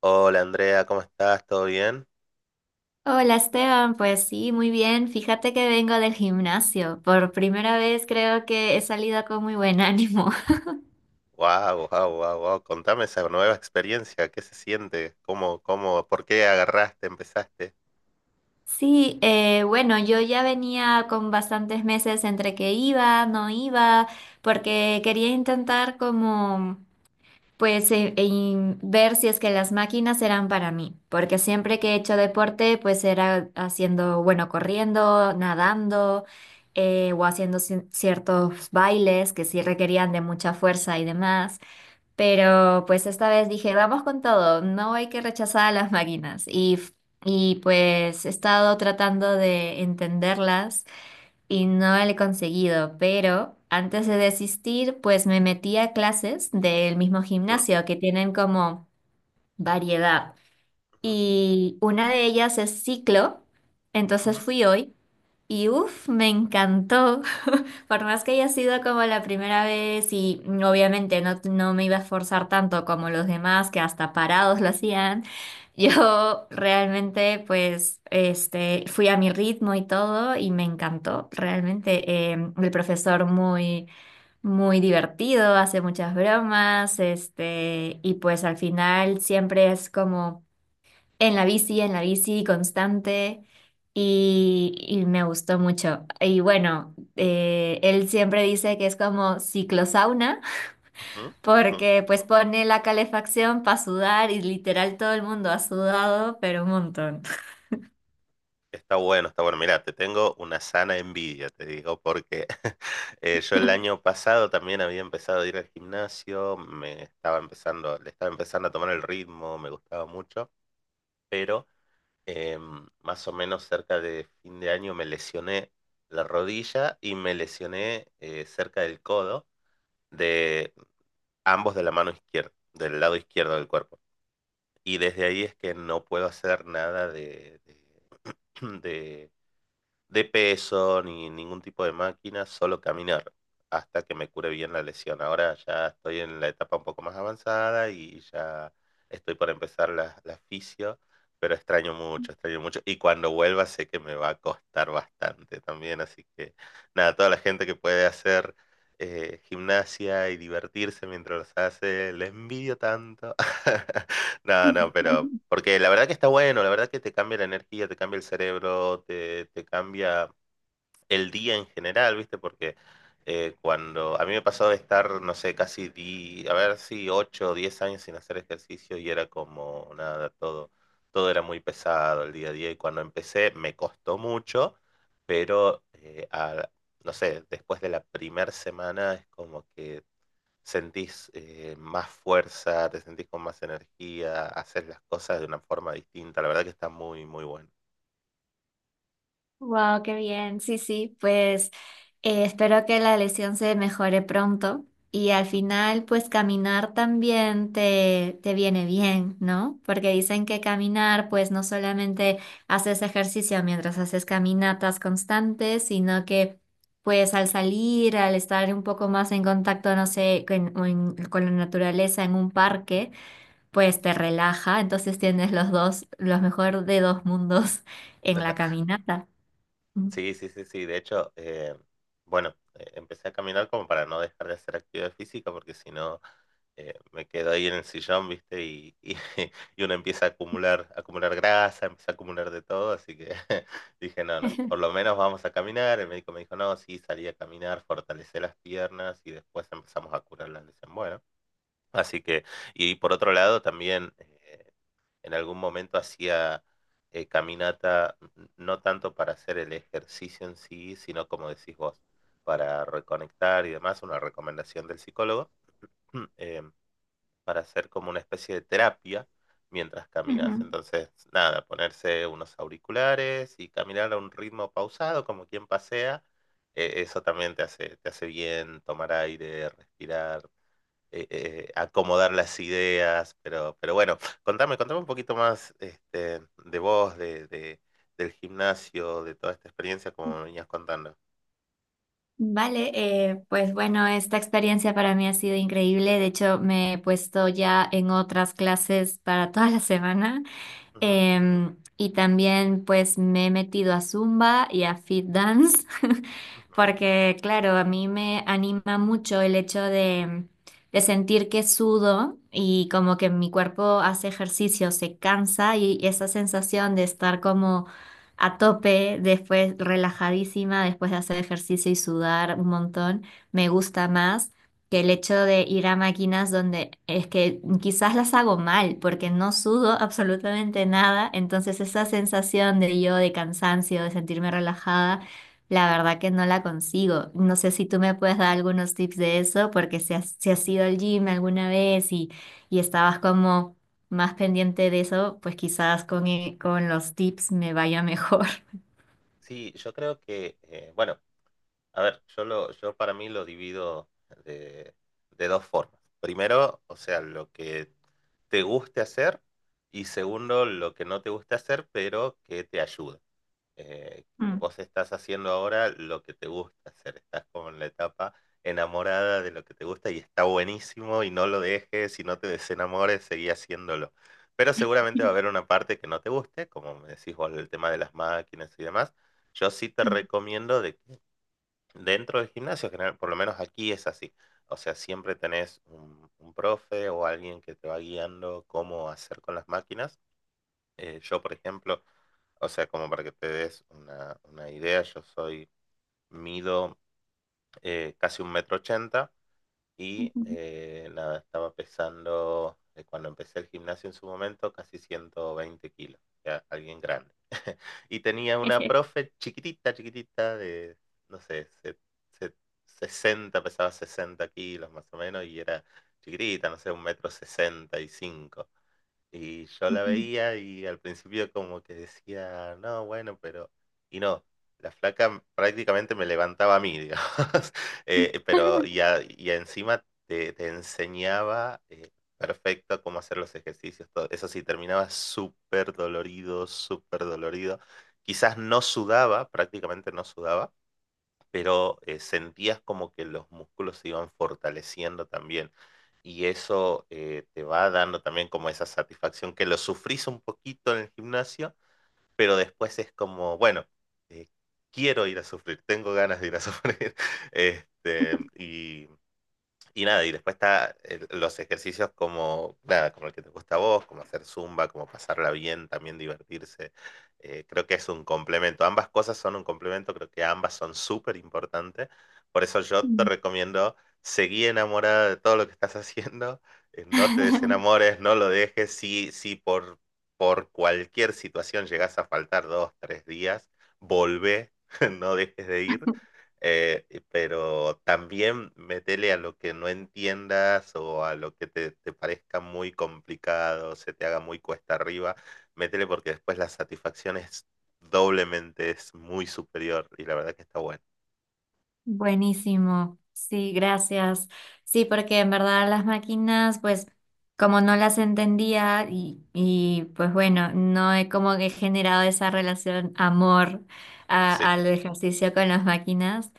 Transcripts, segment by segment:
Hola Andrea, ¿cómo estás? ¿Todo bien? Hola Esteban, pues sí, muy bien. Fíjate que vengo del gimnasio. Por primera vez creo que he salido con muy buen ánimo. Wow, wow, wow, wow. Contame esa nueva experiencia, ¿qué se siente? ¿Cómo, por qué agarraste, empezaste? Sí, bueno, yo ya venía con bastantes meses entre que iba, no iba, porque quería intentar como... Pues en ver si es que las máquinas eran para mí, porque siempre que he hecho deporte, pues era haciendo, bueno, corriendo, nadando, o haciendo ciertos bailes que sí requerían de mucha fuerza y demás. Pero pues esta vez dije, vamos con todo, no hay que rechazar a las máquinas. Y pues he estado tratando de entenderlas y no lo he conseguido, pero antes de desistir, pues me metí a clases del mismo ¿Mm? gimnasio que tienen como variedad. Ujú, Y una de ellas es ciclo, ujú, entonces fui hoy y uff, me encantó. Por más que haya sido como la primera vez y obviamente no me iba a esforzar tanto como los demás, que hasta parados lo hacían, yo realmente pues este, fui a mi ritmo y todo y me encantó realmente. Eh, el profesor muy, muy divertido, hace muchas bromas este, y pues al final siempre es como... en la bici constante y me gustó mucho. Y bueno, él siempre dice que es como ciclosauna ujú, ujú. porque pues pone la calefacción para sudar y literal todo el mundo ha sudado, pero un montón. Está bueno, está bueno. Mira, te tengo una sana envidia, te digo, porque yo el año pasado también había empezado a ir al gimnasio, le estaba empezando a tomar el ritmo, me gustaba mucho, pero eh, más o menos cerca de fin de año me lesioné la rodilla y me lesioné cerca del codo de ambos de la mano izquierda, del lado izquierdo del cuerpo. Y desde ahí es que no puedo hacer nada de de peso ni ningún tipo de máquina, solo caminar hasta que me cure bien la lesión. Ahora ya estoy en la etapa un poco más avanzada y ya estoy por empezar la fisio, pero extraño mucho, extraño mucho. Y cuando vuelva sé que me va a costar bastante también, así que nada, toda la gente que puede hacer gimnasia y divertirse mientras los hace, les envidio tanto. No, no, pero porque la verdad que está bueno, la verdad que te cambia la energía, te cambia el cerebro, te cambia el día en general, ¿viste? Porque cuando a mí me pasó de estar, no sé, casi, a ver si 8 o 10 años sin hacer ejercicio y era como nada, todo era muy pesado el día a día y cuando empecé me costó mucho, pero no sé, después de la primera semana es como que sentís más fuerza, te sentís con más energía, haces las cosas de una forma distinta. La verdad que está muy, muy bueno. Wow, qué bien. Sí, sí, pues espero que la lesión se mejore pronto y al final, pues caminar también te viene bien, ¿no? Porque dicen que caminar, pues no solamente haces ejercicio mientras haces caminatas constantes, sino que pues al salir, al estar un poco más en contacto, no sé, con la naturaleza en un parque, Ujú. pues te relaja, entonces tienes los dos, los mejor de dos mundos en la caminata. Sí, sí, sí, sí. De hecho, bueno, empecé a caminar como para no dejar de hacer actividad física, porque si no, me quedo ahí en el sillón, ¿viste? Y uno empieza a acumular grasa, empieza a acumular de todo. Así que dije, no, no, por lo menos vamos a caminar. El médico me dijo, no, sí, salí a caminar, fortalecé las piernas y después empezamos a curar la lesión. Bueno. Así que, y por otro lado, también en algún momento hacía caminata, no tanto para hacer el ejercicio en sí, sino como decís vos, para reconectar y demás, una recomendación del psicólogo, eh, para hacer como una especie de terapia mientras caminas. Ujú. Entonces, nada, ponerse unos auriculares y caminar a un ritmo pausado, como quien pasea, eso también te hace bien tomar aire, respirar acomodar las ideas, pero bueno, contame, contame un poquito más de vos, del gimnasio, de toda esta experiencia como me venías contando. Vale, pues bueno, esta experiencia para mí ha sido increíble. De hecho, me he puesto ya en otras clases para toda la semana. Ujú, Y también pues me he metido a Zumba y a Fit Dance, ujú. porque claro, a mí me anima mucho el hecho de sentir que sudo y como que mi cuerpo hace ejercicio, se cansa y esa sensación de estar como a tope, después relajadísima, después de hacer ejercicio y sudar un montón, me gusta más que el hecho de ir a máquinas donde es que quizás las hago mal porque no sudo absolutamente nada. Entonces esa sensación de yo de cansancio, de sentirme relajada, la verdad que no la consigo. No sé si tú me puedes dar algunos tips de eso porque si has ido al gym alguna vez y estabas como más pendiente de eso, pues quizás con los tips me vaya mejor. Sí, yo creo que, bueno, a ver, yo para mí lo divido de, de dos formas. Primero, o sea, lo que te guste hacer y segundo, lo que no te guste hacer, pero que te ayude. eh, Mm. vos estás haciendo ahora lo que te gusta hacer, estás como en la etapa enamorada de lo que te gusta y está buenísimo y no lo dejes y no te desenamores, seguí haciéndolo. Pero seguramente va a haber una parte que no te guste, como me decís vos, el tema de las máquinas y demás. Yo sí te recomiendo de que dentro del gimnasio, general, por lo menos aquí es así. O sea, siempre tenés un profe o alguien que te va guiando cómo hacer con las máquinas yo, por ejemplo, o sea, como para que te des una idea, mido casi un metro ochenta y nada, estaba pesando, cuando empecé el gimnasio en su momento, casi 120 kilos, o sea, alguien grande. Y tenía una profe chiquitita, chiquitita, de, no sé, se- 60, pesaba 60 kilos más o menos, y era chiquitita, no sé, un metro 65 y yo la veía y al principio como que decía, no, bueno, pero... Y no, la flaca prácticamente me levantaba a mí, digamos. Pero y encima te enseñaba perfecto cómo hacer los ejercicios, todo. Eso sí, terminaba súper dolorido, súper dolorido. Quizás no sudaba, prácticamente no sudaba, pero sentías como que los músculos se iban fortaleciendo también y eso te va dando también como esa satisfacción que lo sufrís un poquito en el gimnasio, pero después es como, bueno, eh, quiero ir a sufrir, tengo ganas de ir a sufrir. Este, y, y nada, y después está los ejercicios como, nada, como el que te gusta a vos, como hacer zumba, como pasarla bien, también divertirse. Creo que es un complemento. Ambas cosas son un complemento, creo que ambas son súper importantes. Por eso yo te recomiendo, seguí enamorada de todo lo que estás haciendo, no te desenamores, no lo dejes. Si por cualquier situación llegás a faltar dos, tres días, volvé, no dejes de ir pero también metele a lo que no entiendas o a lo que te parezca muy complicado, se te haga muy cuesta arriba, métele porque después la satisfacción es doblemente, es muy superior y la verdad que está bueno. Buenísimo, sí, gracias. Sí, porque en verdad las máquinas, pues como no las entendía y, pues bueno, no he como que generado esa relación amor Sí. al ejercicio con las máquinas.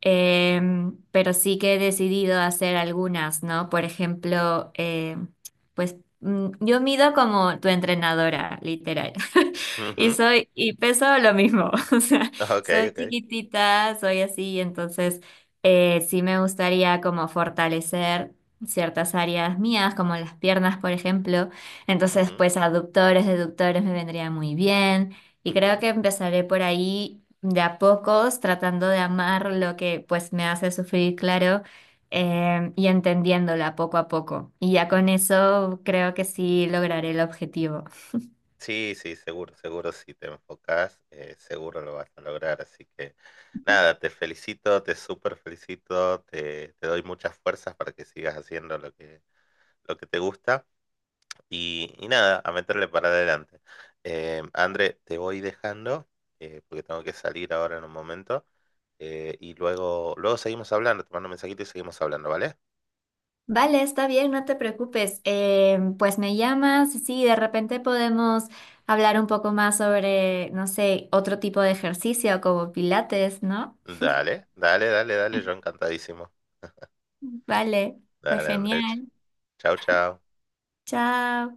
Pero sí que he decidido hacer algunas, ¿no? Por ejemplo, em, pues mm, yo mido como tu entrenadora, literal. Y Ujú. soy, y peso lo mismo. Ok, Soy ok. chiquitita, soy así, entonces sí me gustaría como fortalecer ciertas áreas mías, como las piernas, por ejemplo. Entonces, Ujú, pues aductores, deductores me vendría muy bien. Y creo ujú. que empezaré por ahí de a pocos, tratando de amar lo que pues me hace sufrir, claro, y entendiéndola poco a poco. Y ya con eso creo que sí lograré el objetivo. Sí, sí, seguro, seguro si te enfocas, seguro lo vas a lograr. Así que nada, te felicito, te súper felicito, te doy muchas fuerzas para que sigas haciendo lo que te gusta. Y nada, a meterle para adelante. André, te voy dejando, porque tengo que salir ahora en un momento. Y luego, luego seguimos hablando, te mando un mensajito y seguimos hablando, ¿vale? Vale, está bien, no te preocupes. Pues me llamas y sí, de repente podemos hablar un poco más sobre, no sé, otro tipo de ejercicio como pilates, ¿no? Dale, dale, dale, dale, yo encantadísimo. Vale, fue Dale, André. genial. Chao, chao. Chao.